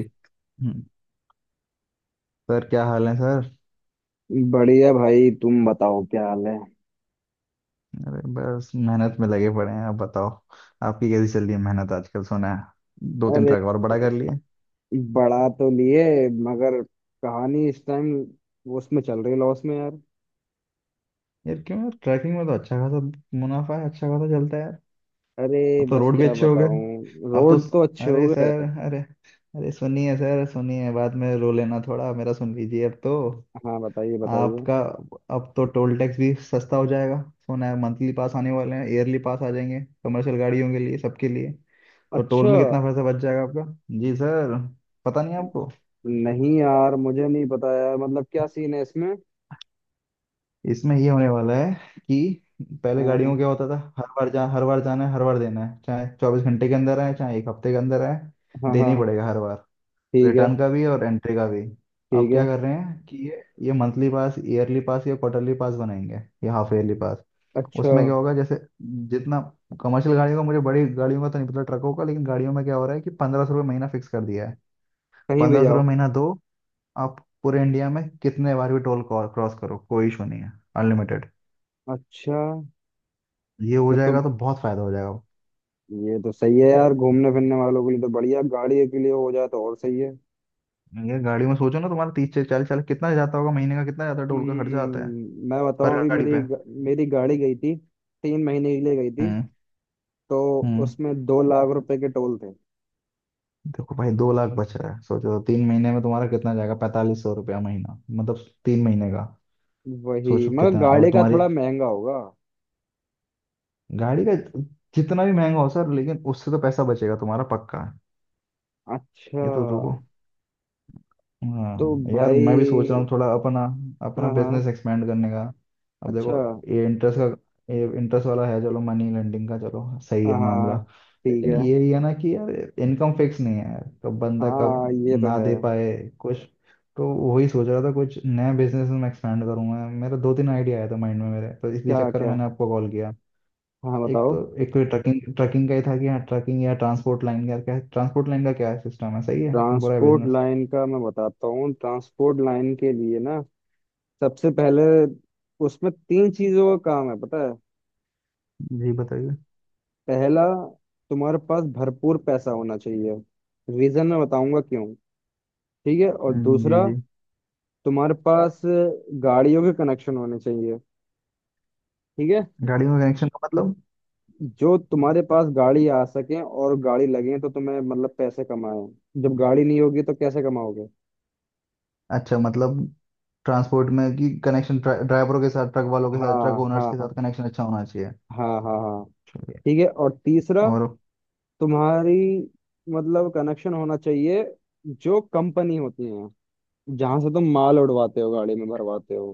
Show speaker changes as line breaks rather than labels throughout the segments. हम्म, sir क्या हाल है सर।
बढ़िया भाई, तुम बताओ क्या हाल है।
अरे बस मेहनत में लगे पड़े हैं। आप बताओ, आपकी कैसी चल रही है मेहनत आजकल। सुना है दो तीन
अरे,
ट्रक और बड़ा कर लिए।
बड़ा तो लिए मगर कहानी इस टाइम उसमें चल रही लॉस में, यार।
यार क्यों यार, ट्रैकिंग में तो अच्छा खासा मुनाफा है, अच्छा खासा चलता है यार।
अरे,
अब तो
बस
रोड भी
क्या
अच्छे हो गए।
बताऊं,
अब तो
रोड तो अच्छे हो
अरे
गए।
सर, अरे। अरे सुनिए सर, सुनिए, बाद में रो लेना, थोड़ा मेरा सुन लीजिए। अब तो
हाँ, बताइए बताइए।
आपका, अब तो टोल टैक्स भी सस्ता हो जाएगा। सुना है मंथली पास आने वाले हैं, ईयरली पास आ जाएंगे कमर्शियल गाड़ियों के लिए, सबके लिए। तो टोल
अच्छा।
में कितना पैसा बच जाएगा आपका? जी सर। पता नहीं आपको।
नहीं यार, मुझे नहीं पता यार, मतलब क्या सीन है इसमें।
इसमें ये होने वाला है कि पहले गाड़ियों
हाँ
में क्या होता था, हर बार जाना है, हर बार देना है, चाहे 24 घंटे के अंदर आए, चाहे एक हफ्ते के अंदर आए।
हाँ
देना
हाँ।
ही पड़ेगा हर बार,
ठीक है।
रिटर्न का भी और एंट्री का भी। आप
ठीक है।
क्या कर रहे हैं कि ये मंथली पास, ईयरली पास या क्वार्टरली पास बनाएंगे, या हाफ ईयरली पास।
अच्छा।
उसमें क्या होगा, जैसे जितना कमर्शियल गाड़ियों का, मुझे बड़ी गाड़ियों का तो नहीं पता, ट्रकों का, लेकिन गाड़ियों में क्या हो रहा है कि 1500 रुपये महीना फिक्स कर दिया है।
कहीं भी
पंद्रह सौ
जाओ।
रुपये महीना दो, आप पूरे इंडिया में कितने बार भी टोल क्रॉस करो, कोई इशू नहीं है, अनलिमिटेड।
अच्छा।
ये हो
तो तुम,
जाएगा तो बहुत फायदा हो जाएगा।
ये तो सही है यार, घूमने फिरने वालों के लिए तो बढ़िया, गाड़ी के लिए हो जाए तो और सही है।
ये गाड़ी में सोचो ना, तुम्हारा 30 से 40, 40 कितना जाता होगा महीने का, कितना जाता है टोल का खर्चा आता है
हम्म, मैं बताऊं,
पर
अभी
गाड़ी
मेरी
पे।
ग- मेरी गाड़ी गई थी, 3 महीने के लिए गई थी।
हम्म।
तो
हम्म।
उसमें 2 लाख रुपए के टोल थे।
देखो भाई, 2 लाख बच रहा है, सोचो 3 महीने में तुम्हारा कितना जाएगा। 4500 रुपया महीना मतलब 3 महीने का।
वही,
सोचो
मगर
कितना, और
गाड़ी का
तुम्हारी
थोड़ा महंगा होगा।
गाड़ी का जितना भी महंगा हो सर, लेकिन उससे तो पैसा बचेगा तुम्हारा, पक्का है।
अच्छा।
ये तो देखो।
तो
हाँ यार, मैं भी सोच रहा हूँ
भाई।
थोड़ा अपना, अपना
हाँ हाँ।
बिजनेस एक्सपेंड करने का। अब देखो,
अच्छा।
ये इंटरेस्ट का, ये इंटरेस्ट वाला है, चलो मनी लेंडिंग का, चलो सही
हाँ
है मामला।
हाँ, ठीक
लेकिन
है।
ये ही है ना कि यार, इनकम फिक्स नहीं है यार, कब बंदा कब
हाँ, ये तो
ना
है।
दे पाए कुछ। तो वही सोच रहा था कुछ नया बिजनेस में एक्सपेंड करूंगा। मेरा दो तीन आइडिया आया था माइंड में मेरे, तो इसी
क्या
चक्कर में
क्या।
मैंने आपको कॉल किया।
हाँ
एक
बताओ।
तो, एक तो ट्रकिंग ट्रकिंग का ही था, कि हाँ ट्रकिंग या ट्रांसपोर्ट लाइन का क्या, ट्रांसपोर्ट लाइन का क्या सिस्टम है, सही है, बुरा है
ट्रांसपोर्ट
बिजनेस।
लाइन का मैं बताता हूँ। ट्रांसपोर्ट लाइन के लिए ना, सबसे पहले उसमें 3 चीजों का काम है, पता है।
जी बताइए।
पहला, तुम्हारे पास भरपूर पैसा होना चाहिए। रीजन मैं बताऊंगा क्यों। ठीक है, और
जी
दूसरा,
जी।
तुम्हारे पास गाड़ियों के कनेक्शन होने चाहिए। ठीक है।
गाड़ी में कनेक्शन का मतलब?
जो तुम्हारे पास गाड़ी आ सके और गाड़ी लगे तो तुम्हें मतलब पैसे कमाए। जब गाड़ी नहीं होगी तो कैसे कमाओगे।
अच्छा, मतलब ट्रांसपोर्ट में कि कनेक्शन ड्राइवरों के साथ, ट्रक वालों के साथ, ट्रक
हाँ
ओनर्स
हाँ
के
हाँ।
साथ कनेक्शन अच्छा होना चाहिए।
हाँ हाँ हाँ।
चलिए।
ठीक है, और तीसरा,
और
तुम्हारी मतलब कनेक्शन होना चाहिए, जो कंपनी होती है, जहां से तुम माल उड़वाते हो, गाड़ी में भरवाते हो।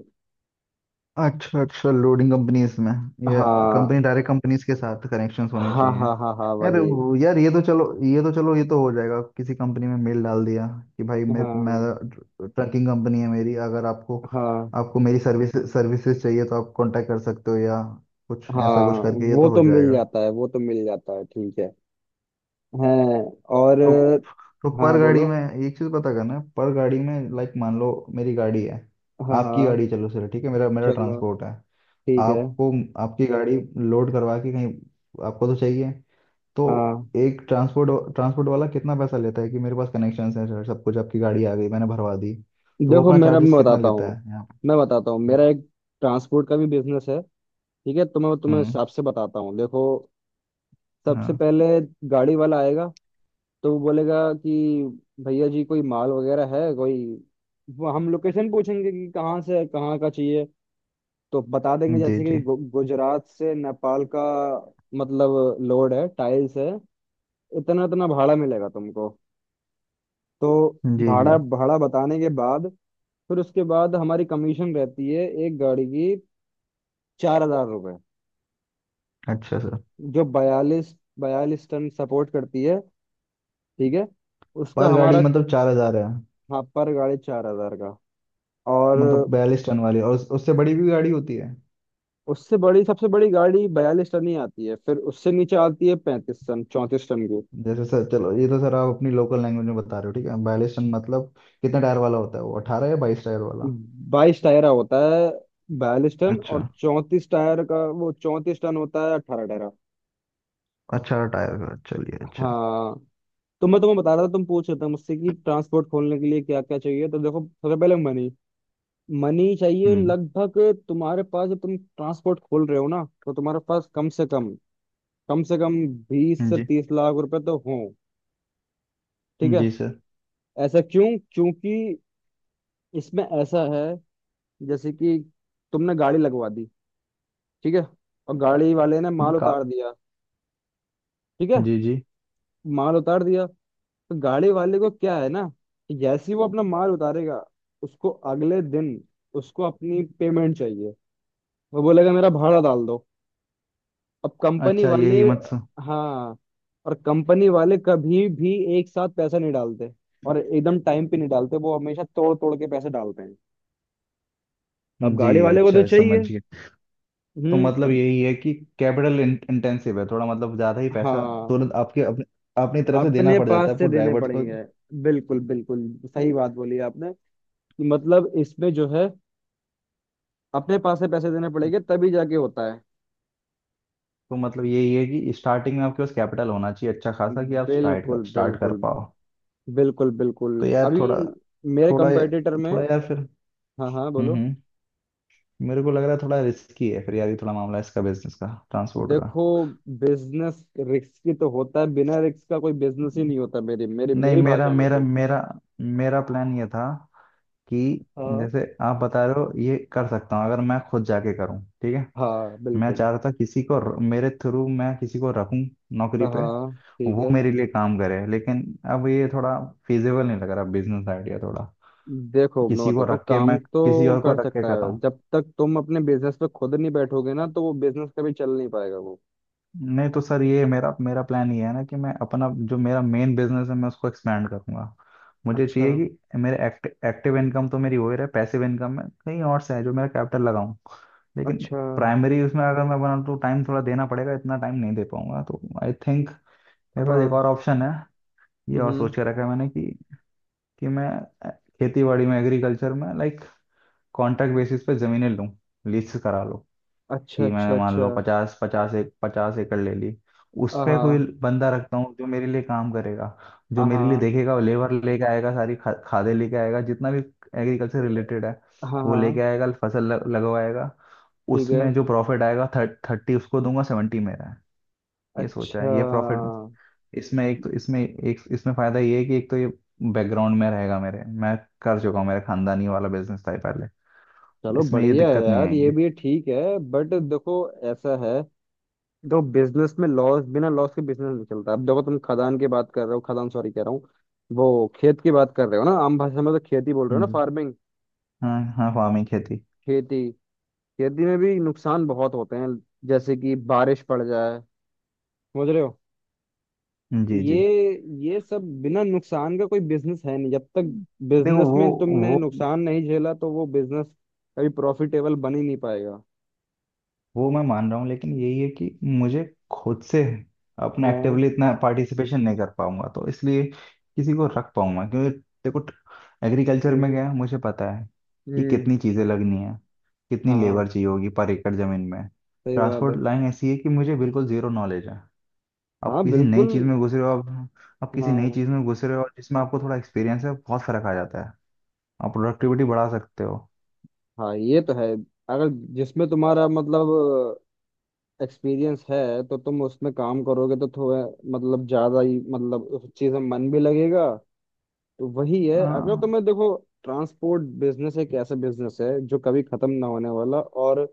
अच्छा, अच्छा लोडिंग कंपनीज में, या कंपनी,
हाँ
डायरेक्ट कंपनीज के साथ कनेक्शंस होने
हाँ
चाहिए।
हाँ हाँ हाँ, वही।
यार, ये तो चलो, ये तो चलो, ये तो हो जाएगा। किसी कंपनी में मेल डाल दिया कि भाई, मैं
हाँ
ट्रकिंग कंपनी है मेरी, अगर आपको,
हाँ
आपको मेरी सर्विस, सर्विसेज चाहिए तो आप कांटेक्ट कर सकते हो, या कुछ ऐसा
हाँ।
कुछ करके ये
वो
तो हो
तो मिल
जाएगा।
जाता है, वो तो मिल जाता है, ठीक है। हैं। और।
तो तो
हाँ
पर
हाँ,
गाड़ी
बोलो।
में एक चीज पता करना है। पर गाड़ी में लाइक मान लो मेरी गाड़ी है,
हाँ
आपकी
हाँ।
गाड़ी, चलो चलो ठीक है, मेरा मेरा
चलो।
ट्रांसपोर्ट है,
ठीक है।
आपको, आपकी गाड़ी लोड करवा के कहीं आपको तो चाहिए, तो
हाँ।
एक ट्रांसपोर्ट ट्रांसपोर्ट वाला कितना पैसा लेता है, कि मेरे पास कनेक्शन है सर, सब कुछ, आपकी गाड़ी आ गई, मैंने भरवा दी, तो वो
देखो,
अपना
मेरा, मैं
चार्जेस कितना
बताता
लेता
हूँ
है यहाँ पे?
मैं बताता हूँ मेरा
हम्म।
एक ट्रांसपोर्ट का भी बिजनेस है। ठीक है, तो मैं तुम्हें
हम्म,
हिसाब से बताता हूँ, देखो। सबसे
हाँ।
पहले गाड़ी वाला आएगा, तो वो बोलेगा कि भैया जी कोई माल वगैरह है कोई। वो हम लोकेशन पूछेंगे कि कहाँ से है, कहाँ का चाहिए। तो बता देंगे
जी
जैसे कि
जी।
गुजरात से नेपाल का। मतलब लोड है, टाइल्स है, इतना इतना भाड़ा मिलेगा तुमको। तो
जी जी।
भाड़ा भाड़ा बताने के बाद, फिर उसके बाद हमारी कमीशन रहती है एक गाड़ी की, 4,000 रुपये।
अच्छा सर।
जो बयालीस बयालीस टन सपोर्ट करती है। ठीक है, उसका
पर गाड़ी
हमारा।
मतलब 4000 है।
हाँ, पर गाड़ी 4,000 का। और
मतलब 42 टन वाली, और उससे बड़ी भी गाड़ी होती है।
उससे बड़ी, सबसे बड़ी गाड़ी 42 टन ही आती है, फिर उससे नीचे आती है 35 टन, 34 टन की।
जैसे सर, चलो ये तो सर आप अपनी लोकल लैंग्वेज में बता रहे हो, ठीक है, बाइलिस टन मतलब कितने टायर वाला होता है वो, 18 या 22 टायर वाला?
22 टायरा होता है 42 टन, और
अच्छा।
34 टायर का वो 34 टन होता है, 18 टायरा।
18 टायर का, चलिए। अच्छा।
हाँ, तो मैं तुम्हें बता रहा था, तुम पूछ रहे थे मुझसे कि ट्रांसपोर्ट खोलने के लिए क्या क्या चाहिए, तो देखो सबसे पहले मनी। मनी चाहिए
हम्म,
लगभग तुम्हारे पास। जब तुम ट्रांसपोर्ट खोल रहे हो ना, तो तुम्हारे पास कम से कम, कम से कम बीस से
जी
तीस लाख रुपए तो हो। ठीक है।
जी सर।
ऐसा क्यों? क्योंकि इसमें ऐसा है, जैसे कि तुमने गाड़ी लगवा दी। ठीक है, और गाड़ी वाले ने
जी
माल
का।
उतार दिया। ठीक है,
जी जी।
माल उतार दिया, तो गाड़ी वाले को क्या है ना, कि जैसे ही वो अपना माल उतारेगा, उसको अगले दिन, उसको अपनी पेमेंट चाहिए। वो बोलेगा मेरा भाड़ा डाल दो। अब कंपनी
अच्छा, ये
वाले।
हिम्मत स-।
हाँ, और कंपनी वाले कभी भी एक साथ पैसा नहीं डालते, और एकदम टाइम पे नहीं डालते, वो हमेशा तोड़ तोड़ के पैसे डालते हैं। अब
जी।
गाड़ी वाले को तो
अच्छा समझ
चाहिए।
गए। तो मतलब
अब।
यही है कि कैपिटल इंटेंसिव है थोड़ा, मतलब ज़्यादा ही पैसा
हाँ,
तुरंत आपके अपने, अपनी तरफ से देना
अपने
पड़ जाता
पास
है
से
आपको,
देने
ड्राइवर्स को।
पड़ेंगे। बिल्कुल, बिल्कुल सही बात बोली आपने, कि मतलब इसमें जो है, अपने पास से पैसे देने पड़ेंगे, तभी जाके होता है।
तो मतलब यही है कि स्टार्टिंग में आपके पास कैपिटल होना चाहिए अच्छा खासा, कि आप स्टार्ट
बिल्कुल
कर स्टार्ट कर
बिल्कुल।
पाओ।
बिल्कुल बिल्कुल।
तो यार
अभी
थोड़ा,
मेरे
थोड़ा,
कंपेटिटर में।
थोड़ा यार फिर।
हाँ हाँ, बोलो।
हम्म। मेरे को लग रहा है थोड़ा रिस्की है फिर यार ये, थोड़ा मामला इसका बिजनेस का, ट्रांसपोर्ट का।
देखो, बिजनेस रिस्की तो होता है, बिना रिस्क का कोई बिजनेस ही नहीं होता मेरी मेरी
नहीं,
मेरी
मेरा
भाषा में
मेरा
तो।
मेरा मेरा प्लान ये था कि
हाँ
जैसे आप बता रहे हो, ये कर सकता हूँ अगर मैं खुद जाके करूँ, ठीक है।
हाँ,
मैं
बिल्कुल।
चाह रहा था मेरे थ्रू मैं किसी को रखूँ नौकरी पे,
हाँ, ठीक
वो
है।
मेरे लिए काम करे, लेकिन अब ये थोड़ा फिजिबल नहीं लग रहा बिजनेस आइडिया थोड़ा।
देखो, मैं
किसी को
बताता हूँ,
रख के
काम
मैं, किसी
तो
और को
कर
रख के
सकता
कर रहा
है,
हूँ।
जब तक तुम अपने बिजनेस पे खुद नहीं बैठोगे ना, तो वो बिजनेस कभी चल नहीं पाएगा वो।
नहीं तो सर, ये मेरा मेरा प्लान ये है ना कि मैं अपना, जो मेरा मेन बिजनेस है मैं उसको एक्सपेंड करूंगा। मुझे
अच्छा।
चाहिए कि मेरे एक्टिव इनकम तो मेरी हो ही रहा है, पैसिव इनकम में कहीं और से है, जो मेरा कैपिटल लगाऊं। लेकिन
अच्छा।
प्राइमरी उसमें अगर मैं बनाऊं तो टाइम थोड़ा देना पड़ेगा, इतना टाइम नहीं दे पाऊंगा, तो आई थिंक मेरे पास एक
हाँ।
और ऑप्शन है। ये और
हम्म।
सोच के रखा है मैंने कि मैं खेती बाड़ी में, एग्रीकल्चर में लाइक कॉन्ट्रैक्ट बेसिस पे ज़मीनें लूँ, लीज करा लूं।
अच्छा।
कि
अच्छा।
मैंने मान
अच्छा।
लो पचास, पचास एक 50 एकड़ ले ली। उसमें कोई
हाँ
बंदा रखता हूँ जो मेरे लिए काम करेगा, जो मेरे लिए
हाँ
देखेगा, लेबर लेके आएगा, सारी खादे लेके आएगा जितना भी एग्रीकल्चर रिलेटेड है।
हाँ
वो लेके
हाँ।
आएगा, फसल लगवाएगा।
ठीक है।
उसमें जो प्रॉफिट आएगा 30 उसको दूंगा, 70 मेरा है। ये सोचा
अच्छा।
है ये प्रॉफिट। इसमें एक तो, इसमें एक, इसमें फायदा ये है कि एक तो ये बैकग्राउंड में रहेगा मेरे, मैं कर चुका हूँ, मेरे खानदानी वाला बिजनेस था ये पहले।
चलो,
इसमें ये
बढ़िया है
दिक्कत नहीं
यार, ये
आएगी।
भी ठीक है, बट देखो। ऐसा है, देखो, बिजनेस में लॉस, बिना लॉस के बिजनेस नहीं चलता। अब देखो, तुम खदान की बात कर रहे हो, खदान सॉरी कह रहा हूँ। वो खेत की बात कर रहे हो ना, आम भाषा में तो खेती बोल रहे हो ना,
हम्म।
फार्मिंग।
हाँ हाँ, फार्मिंग, खेती।
खेती। खेती में भी नुकसान बहुत होते हैं। जैसे कि बारिश पड़ जाए। समझ रहे हो।
जी जी।
ये ये सब बिना नुकसान का कोई बिजनेस है नहीं, जब तक
हम्म। देखो
बिजनेस
वो
में तुमने
वो
नुकसान नहीं झेला, तो वो बिजनेस कभी प्रॉफिटेबल बन ही नहीं पाएगा।
वो मैं मान रहा हूँ, लेकिन यही है कि मुझे खुद से अपना
हाँ।
एक्टिवली इतना पार्टिसिपेशन नहीं कर पाऊंगा, तो इसलिए किसी को रख पाऊंगा, क्योंकि देखो एग्रीकल्चर में
हम्म
क्या है मुझे पता है कि
हम्म।
कितनी चीज़ें लगनी है, कितनी लेबर
हाँ,
चाहिए होगी पर एकड़ ज़मीन में।
सही बात
ट्रांसपोर्ट
है।
लाइन ऐसी है कि मुझे बिल्कुल ज़ीरो नॉलेज है। आप
हाँ,
किसी नई
बिल्कुल।
चीज़ में घुस रहे हो आप किसी नई
हाँ
चीज़ में घुस रहे हो, और जिसमें आपको थोड़ा एक्सपीरियंस है बहुत फ़र्क आ जाता है। आप प्रोडक्टिविटी बढ़ा सकते हो।
हाँ, ये तो है। अगर जिसमें तुम्हारा, मतलब, एक्सपीरियंस है, तो तुम उसमें काम करोगे तो थोड़ा, मतलब, ज्यादा ही, मतलब, उस चीज में मन भी लगेगा। तो वही है, अगर
हाँ,
तुम्हें, देखो, ट्रांसपोर्ट बिजनेस एक ऐसा बिजनेस है जो कभी खत्म ना होने वाला, और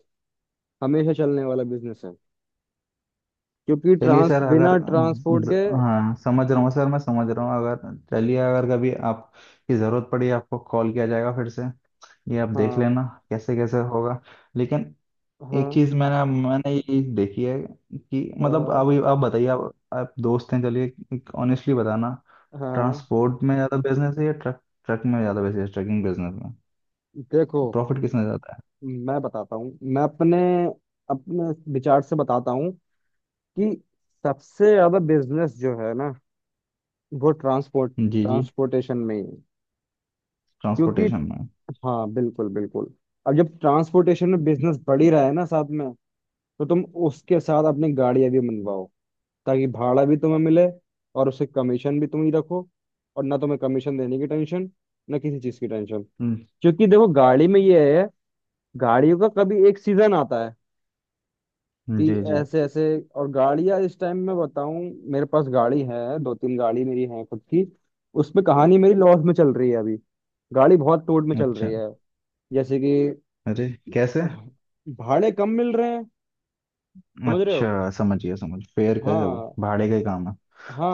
हमेशा चलने वाला बिजनेस है, क्योंकि
चलिए
ट्रांस,
सर,
बिना
अगर
ट्रांसपोर्ट के।
हाँ समझ रहा हूँ सर, मैं समझ रहा हूँ, अगर चलिए, अगर कभी आप की ज़रूरत पड़ी आपको कॉल किया जाएगा फिर से, ये आप देख
हाँ
लेना कैसे कैसे होगा। लेकिन एक
हाँ।
चीज़ मैंने मैंने ये देखी है कि, मतलब
हाँ
आप बताइए, आप दोस्त हैं, चलिए ऑनेस्टली बताना।
हाँ।
ट्रांसपोर्ट में ज़्यादा बिजनेस है या ट्रक ट्रक में ज़्यादा बिजनेस, ट्रकिंग बिजनेस में
देखो,
प्रॉफिट किसमें ज़्यादा
मैं बताता हूँ, मैं अपने, अपने विचार से बताता हूँ कि सबसे ज्यादा बिजनेस जो है ना, वो ट्रांसपोर्ट,
है? जी जी।
ट्रांसपोर्टेशन में ही है, क्योंकि।
ट्रांसपोर्टेशन में।
हाँ बिल्कुल बिल्कुल। अब जब ट्रांसपोर्टेशन में बिजनेस बढ़ ही रहा है ना, साथ में तो तुम उसके साथ अपनी गाड़ियां भी मनवाओ, ताकि भाड़ा भी तुम्हें मिले, और उससे कमीशन भी तुम ही रखो, और ना तुम्हें कमीशन देने की टेंशन, ना किसी चीज की टेंशन।
हम्म,
क्योंकि देखो, गाड़ी में ये है, गाड़ियों का कभी एक सीजन आता है, कि
जी जी।
ऐसे ऐसे, और गाड़ियां इस टाइम, मैं बताऊं, मेरे पास गाड़ी है, 2-3 गाड़ी मेरी है खुद की। उसमें कहानी मेरी लॉस में चल रही है अभी। गाड़ी बहुत टोट में चल
अच्छा।
रही है। जैसे कि
अरे कैसे?
अह, भाड़े कम मिल रहे हैं। समझ रहे हो।
अच्छा समझ गया, समझ, फेयर का, सब
हाँ
भाड़े का ही काम है।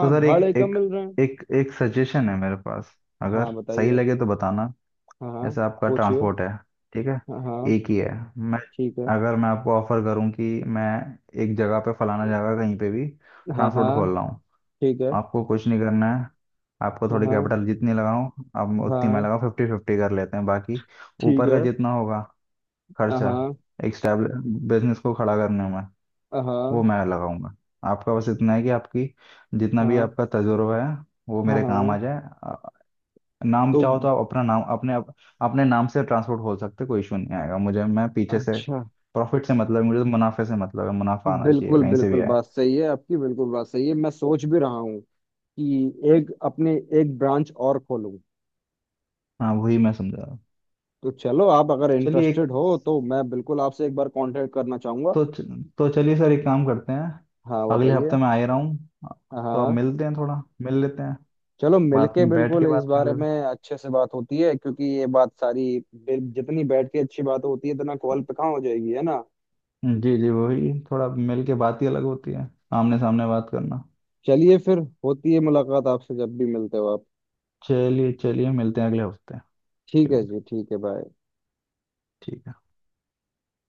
तो सर
भाड़े
एक
कम
एक,
मिल रहे हैं।
एक एक सजेशन है मेरे पास,
हाँ
अगर सही
बताइए।
लगे तो बताना।
हाँ हाँ।
जैसे आपका
पूछिए।
ट्रांसपोर्ट है, ठीक है,
हाँ हाँ।
एक ही है। मैं,
ठीक है।
अगर मैं आपको ऑफर करूं कि मैं एक जगह पे फलाना जगह कहीं पे भी
हाँ
ट्रांसपोर्ट
हाँ।
खोल रहा हूँ।
ठीक है।
आपको कुछ नहीं करना है, आपको
हाँ
थोड़ी
हाँ
कैपिटल जितनी लगाऊं, अब उतनी मैं
हाँ,
लगाऊं, फिफ्टी फिफ्टी कर लेते हैं बाकी
ठीक
ऊपर का
है।
जितना होगा
हाँ
खर्चा,
हाँ
एक स्टेबल बिजनेस को खड़ा करने में वो
हाँ।
मैं लगाऊंगा। आपका बस इतना है कि आपकी, जितना भी
हाँ
आपका तजुर्बा है वो
हाँ।
मेरे
हाँ।
काम
हाँ,
आ जाए। आ, नाम
तो
चाहो तो आप अपना नाम अपने अपने नाम से ट्रांसपोर्ट खोल सकते हो, कोई इशू नहीं आएगा, मुझे मैं पीछे से
अच्छा,
प्रॉफिट से मतलब है, मुझे तो मुनाफे से मतलब है, मुनाफा आना चाहिए
बिल्कुल
कहीं से भी
बिल्कुल,
आए।
बात सही है आपकी, बिल्कुल बात सही है, मैं सोच भी रहा हूँ कि एक अपने, एक ब्रांच और खोलूँ।
हाँ वही मैं समझा रहा हूँ।
तो चलो, आप अगर
चलिए एक,
इंटरेस्टेड हो तो मैं बिल्कुल आपसे एक बार कांटेक्ट करना चाहूंगा।
तो तो चलिए सर एक काम करते हैं।
हाँ
अगले हफ्ते
बताइए।
मैं आ ही रहा हूँ,
हाँ
तो आप
हाँ,
मिलते हैं, थोड़ा मिल लेते हैं।
चलो,
बात
मिलके
में बैठ
बिल्कुल
के
इस
बात कर
बारे
लेते
में अच्छे से बात होती है, क्योंकि ये बात सारी जितनी बैठ के अच्छी बात होती है, इतना कॉल पे कहाँ हो जाएगी, है ना।
हैं, जी जी, वही थोड़ा मिल के बात ही अलग होती है, आमने सामने बात करना।
चलिए फिर, होती है मुलाकात आपसे जब भी मिलते हो आप।
चलिए चलिए मिलते हैं अगले हफ्ते
ठीक
के
है
लिए।
जी। ठीक है, बाय।
ठीक है।